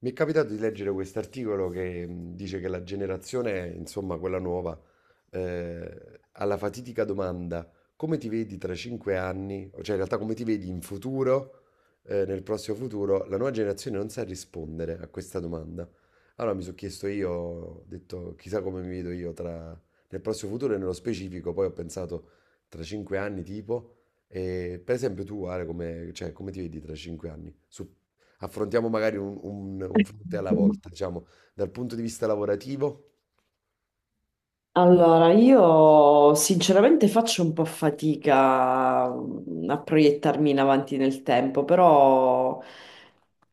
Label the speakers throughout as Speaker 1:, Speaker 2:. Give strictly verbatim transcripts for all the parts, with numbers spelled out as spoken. Speaker 1: Mi è capitato di leggere quest'articolo che mh, dice che la generazione, insomma, quella nuova, eh, alla fatidica domanda come ti vedi tra cinque anni, o cioè in realtà come ti vedi in futuro, eh, nel prossimo futuro, la nuova generazione non sa rispondere a questa domanda. Allora mi sono chiesto io, ho detto chissà come mi vedo io tra, nel prossimo futuro e nello specifico, poi ho pensato tra cinque anni tipo, e per esempio tu Ale, come, cioè, come ti vedi tra cinque anni? Su- affrontiamo magari un, un- un fronte alla volta, diciamo, dal punto di vista lavorativo.
Speaker 2: Allora, io sinceramente faccio un po' fatica mm, a proiettarmi in avanti nel tempo, però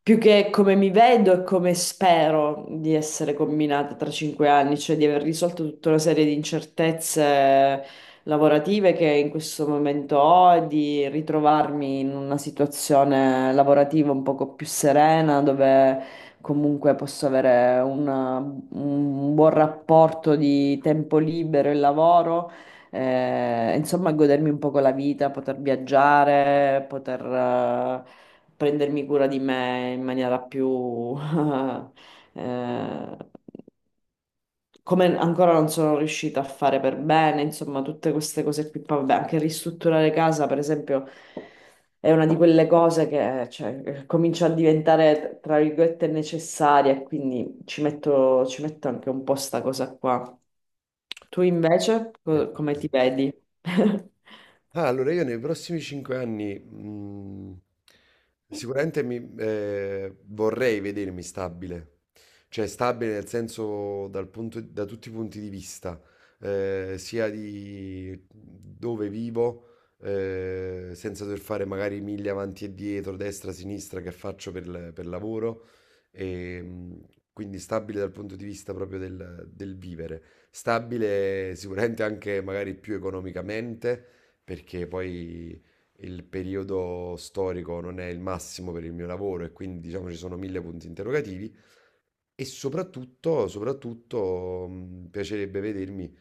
Speaker 2: più che come mi vedo e come spero di essere combinata tra cinque anni, cioè di aver risolto tutta una serie di incertezze lavorative che in questo momento ho e di ritrovarmi in una situazione lavorativa un poco più serena, dove comunque posso avere una- un buon rapporto di tempo libero e lavoro, eh, insomma, godermi un poco la vita, poter viaggiare, poter eh, prendermi cura di me in maniera più eh, come ancora non sono riuscita a fare per bene, insomma, tutte queste cose qui. Poi, vabbè, anche ristrutturare casa, per esempio, è una di quelle cose che, cioè, comincia a diventare, tra virgolette, necessaria, e quindi ci metto, ci metto anche un po' sta cosa qua. Tu invece,
Speaker 1: Eh,
Speaker 2: co- come ti vedi?
Speaker 1: Ah, allora io nei prossimi cinque anni mh, sicuramente mi, eh, vorrei vedermi stabile, cioè stabile nel senso dal punto- da tutti i punti di vista, eh, sia di dove vivo, eh, senza dover fare magari miglia avanti e dietro, destra, sinistra che faccio per, il- per lavoro, e, mh, quindi stabile dal punto di vista proprio del del vivere, stabile sicuramente anche magari più economicamente perché poi il periodo storico non è il massimo per il mio lavoro e quindi diciamo ci sono mille punti interrogativi, e soprattutto, soprattutto mh, piacerebbe vedermi,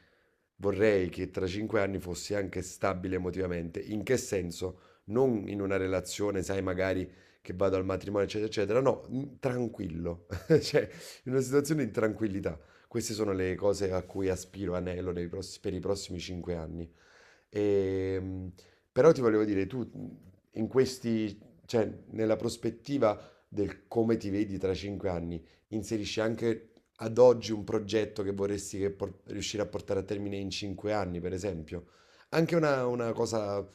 Speaker 1: vorrei che tra cinque anni fossi anche stabile emotivamente. In che senso? Non in una relazione, sai, magari che vado al matrimonio, eccetera, eccetera. No, mh, tranquillo, cioè in una situazione di tranquillità. Queste sono le cose a cui aspiro, anello nei pross- per i prossimi cinque anni. E, mh, Però ti volevo dire, tu mh, in questi, cioè nella prospettiva del come ti vedi tra cinque anni, inserisci anche ad oggi un progetto che vorresti che por- riuscire a portare a termine in cinque anni, per esempio. Anche una, una cosa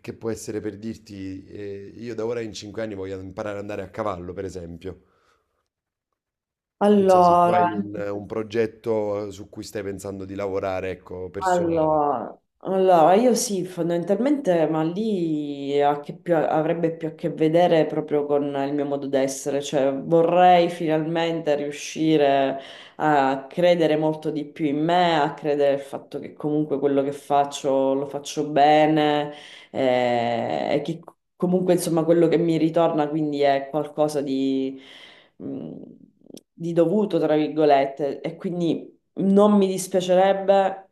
Speaker 1: che può essere per dirti, eh, io da ora in cinque anni voglio imparare ad andare a cavallo, per esempio. Non so se tu hai
Speaker 2: Allora,
Speaker 1: un,
Speaker 2: mm,
Speaker 1: un progetto su cui stai pensando di lavorare, ecco, personale.
Speaker 2: Allora, allora, io sì, fondamentalmente, ma lì ha che più- avrebbe più a che vedere proprio con il mio modo d'essere, cioè vorrei finalmente riuscire a credere molto di più in me, a credere al fatto che comunque quello che faccio lo faccio bene, eh, e che comunque insomma quello che mi ritorna quindi è qualcosa di, mh, di dovuto, tra virgolette, e quindi non mi dispiacerebbe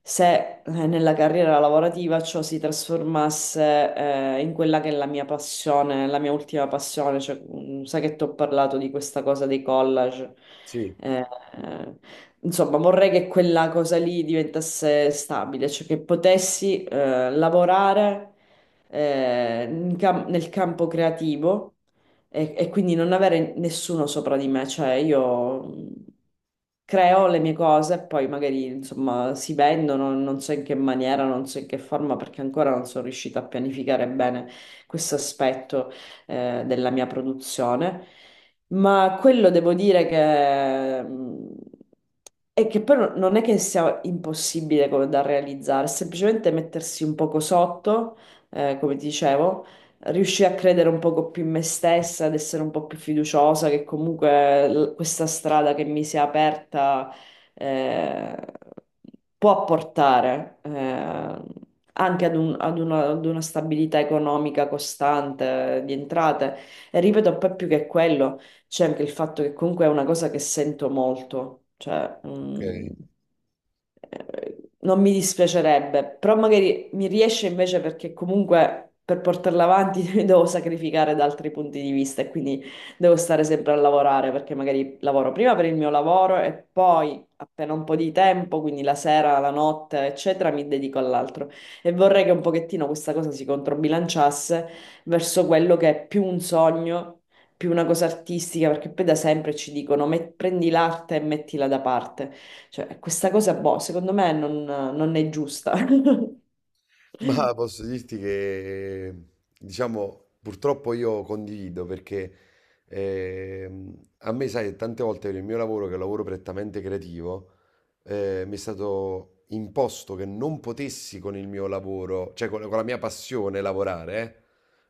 Speaker 2: se, eh, nella carriera lavorativa, ciò si trasformasse eh, in quella che è la mia passione, la mia ultima passione. Cioè, mm, sai che ti ho parlato di questa cosa dei collage.
Speaker 1: Sì,
Speaker 2: Eh, eh, insomma, vorrei che quella cosa lì diventasse stabile, cioè che potessi eh, lavorare eh, in cam- nel campo creativo, e, e quindi non avere nessuno sopra di me. Cioè, io mh, creo le mie cose e poi magari insomma si vendono, non so in che maniera, non so in che forma, perché ancora non sono riuscita a pianificare bene questo aspetto eh, della mia produzione. Ma quello devo dire che... mh, E che però non è che sia impossibile come da realizzare, è semplicemente mettersi un poco sotto, eh, come ti dicevo, riuscii a credere un poco più in me stessa, ad essere un po' più fiduciosa, che comunque l- questa strada che mi si è aperta eh, può portare eh, anche ad un- ad una, ad una stabilità economica costante eh, di entrate. E ripeto, poi, più che quello, c'è anche il fatto che comunque è una cosa che sento molto, cioè...
Speaker 1: ok.
Speaker 2: mm, eh, non mi dispiacerebbe, però magari mi riesce invece perché comunque per portarla avanti devo sacrificare da altri punti di vista e quindi devo stare sempre a lavorare, perché magari lavoro prima per il mio lavoro e poi, appena un po' di tempo, quindi la sera, la notte, eccetera, mi dedico all'altro, e vorrei che un pochettino questa cosa si controbilanciasse verso quello che è più un sogno. Più una cosa artistica, perché poi da sempre ci dicono: "Met- prendi l'arte e mettila da parte." Cioè, questa cosa, boh, secondo me non, non è giusta.
Speaker 1: Ma posso dirti che, diciamo, purtroppo io condivido perché ehm, a me, sai, tante volte nel mio lavoro, che è un lavoro prettamente creativo, eh, mi è stato imposto che non potessi con il mio lavoro, cioè con, con la mia passione lavorare, eh.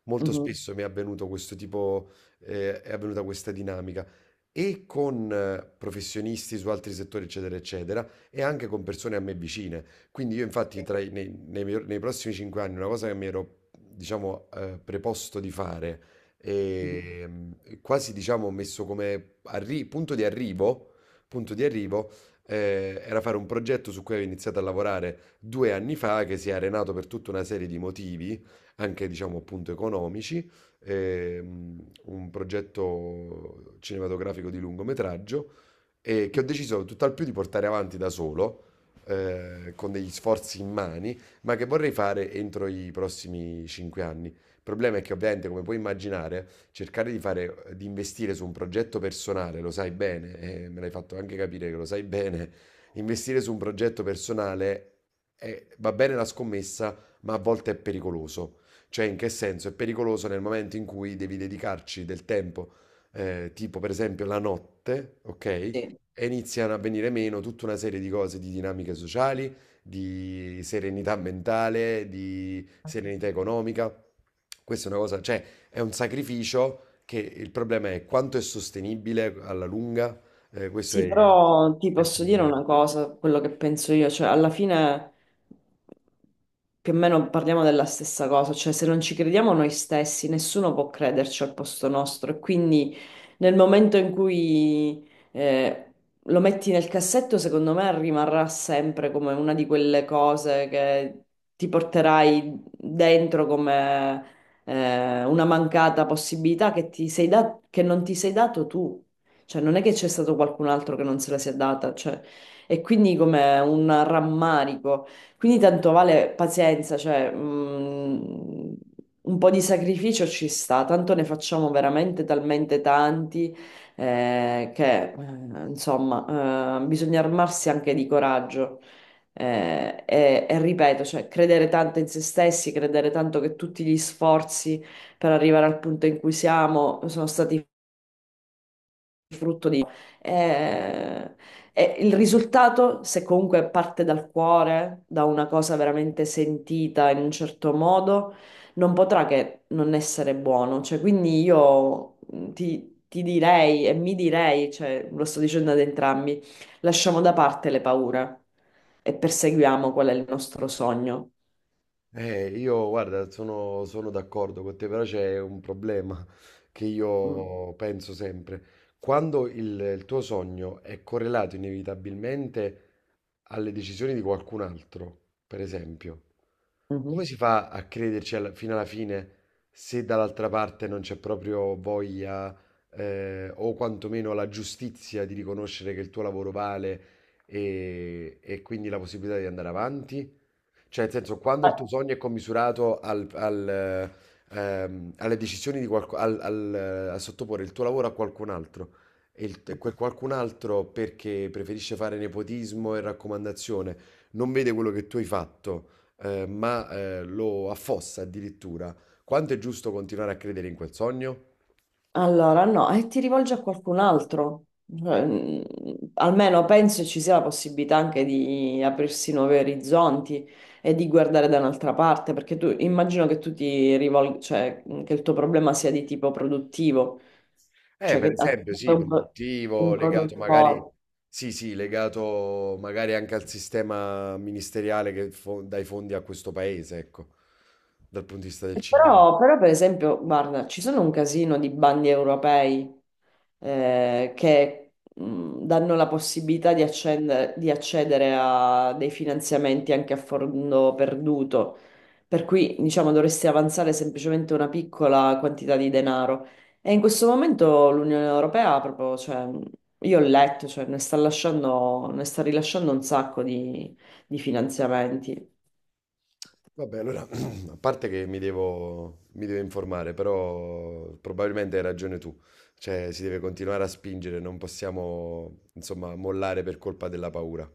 Speaker 1: Molto
Speaker 2: Mhm.
Speaker 1: spesso mi è avvenuto questo tipo, eh, è avvenuta questa dinamica e con eh, professionisti su altri settori, eccetera, eccetera, e anche con persone a me vicine. Quindi io infatti
Speaker 2: Sì.
Speaker 1: tra i- nei, nei mio- nei prossimi cinque anni una cosa che mi ero, diciamo, eh, preposto di fare
Speaker 2: Mhm.
Speaker 1: e mm, quasi, diciamo, messo come arri- punto di arrivo, punto di arrivo, eh, era fare un progetto su cui avevo iniziato a lavorare due anni fa, che si è arenato per tutta una serie di motivi, anche diciamo appunto economici, ehm, un progetto cinematografico di lungometraggio e che ho deciso tutt'al più di portare avanti da solo, eh, con degli sforzi in mani, ma che vorrei fare entro i prossimi cinque anni. Il problema è che ovviamente, come puoi immaginare, cercare di fare, eh, di investire su un progetto personale, lo sai bene, e me l'hai fatto anche capire che lo sai bene, investire su un progetto personale è- va bene la scommessa, ma a volte è pericoloso. Cioè, in che senso? È pericoloso nel momento in cui devi dedicarci del tempo eh, tipo per esempio la notte, ok?
Speaker 2: Sì.
Speaker 1: E iniziano a venire meno tutta una serie di cose, di dinamiche sociali, di serenità mentale, di serenità economica. Questa è una cosa, cioè è un sacrificio che il problema è quanto è sostenibile alla lunga. Eh, questo
Speaker 2: Sì,
Speaker 1: è,
Speaker 2: però ti
Speaker 1: è il
Speaker 2: posso dire
Speaker 1: problema.
Speaker 2: una cosa, quello che penso io, cioè alla fine più o meno parliamo della stessa cosa. Cioè, se non ci crediamo noi stessi, nessuno può crederci al posto nostro, e quindi nel momento in cui eh, lo metti nel cassetto, secondo me rimarrà sempre come una di quelle cose che ti porterai dentro come eh, una mancata possibilità che ti sei da- che non ti sei dato tu. Cioè, non è che c'è stato qualcun altro che non se la sia data, cioè, e quindi come un rammarico. Quindi tanto vale, pazienza, cioè, mh, un po' di sacrificio ci sta, tanto ne facciamo veramente talmente tanti, eh, che, eh, insomma, eh, bisogna armarsi anche di coraggio. Eh, e, e ripeto, cioè, credere tanto in se stessi, credere tanto che tutti gli sforzi per arrivare al punto in cui siamo sono stati frutto di... Eh, e il risultato, se comunque parte dal cuore, da una cosa veramente sentita in un certo modo, non potrà che non essere buono. Cioè, quindi io mm, ti, ti direi e mi direi, cioè, lo sto dicendo ad entrambi: lasciamo da parte le paure e perseguiamo qual è il nostro sogno.
Speaker 1: Eh, io guarda, sono, sono d'accordo con te, però c'è un problema che
Speaker 2: Mm.
Speaker 1: io penso sempre. Quando il, il tuo sogno è correlato inevitabilmente alle decisioni di qualcun altro, per esempio,
Speaker 2: Mhm.
Speaker 1: come si fa a crederci alla- fino alla fine se dall'altra parte non c'è proprio voglia, eh, o quantomeno la giustizia di riconoscere che il tuo lavoro vale e, e quindi la possibilità di andare avanti? Cioè, nel senso, quando il tuo sogno è commisurato al- al, ehm, alle decisioni di qualcuno, al, al, eh, a sottoporre il tuo lavoro a qualcun altro, e il- e quel qualcun altro perché preferisce fare nepotismo e raccomandazione, non vede quello che tu hai fatto, eh, ma eh, lo affossa addirittura, quanto è giusto continuare a credere in quel sogno?
Speaker 2: Allora, no, e ti rivolgi a qualcun altro. Cioè, mm, almeno penso ci sia la possibilità anche di aprirsi nuovi orizzonti e di guardare da un'altra parte, perché tu, immagino, che tu ti rivolgi, cioè mm, che il tuo problema sia di tipo produttivo,
Speaker 1: Eh,
Speaker 2: cioè
Speaker 1: per
Speaker 2: che a-
Speaker 1: esempio, sì,
Speaker 2: un, pro-
Speaker 1: produttivo,
Speaker 2: un
Speaker 1: legato magari,
Speaker 2: produttore.
Speaker 1: sì, sì, legato magari anche al sistema ministeriale che fo- dà i fondi a questo paese, ecco, dal punto di vista del
Speaker 2: E
Speaker 1: cinema.
Speaker 2: Però, però, per esempio, guarda, ci sono un casino di bandi europei eh, che mh, danno la possibilità di, accendere- di accedere a dei finanziamenti anche a fondo perduto. Per cui, diciamo, dovresti avanzare semplicemente una piccola quantità di denaro. E in questo momento l'Unione Europea proprio, cioè, io ho letto, cioè, ne sta lasciando, ne sta rilasciando un sacco di di finanziamenti.
Speaker 1: Vabbè, allora, a parte che mi devo, mi devo informare, però probabilmente hai ragione tu, cioè si deve continuare a spingere, non possiamo, insomma, mollare per colpa della paura.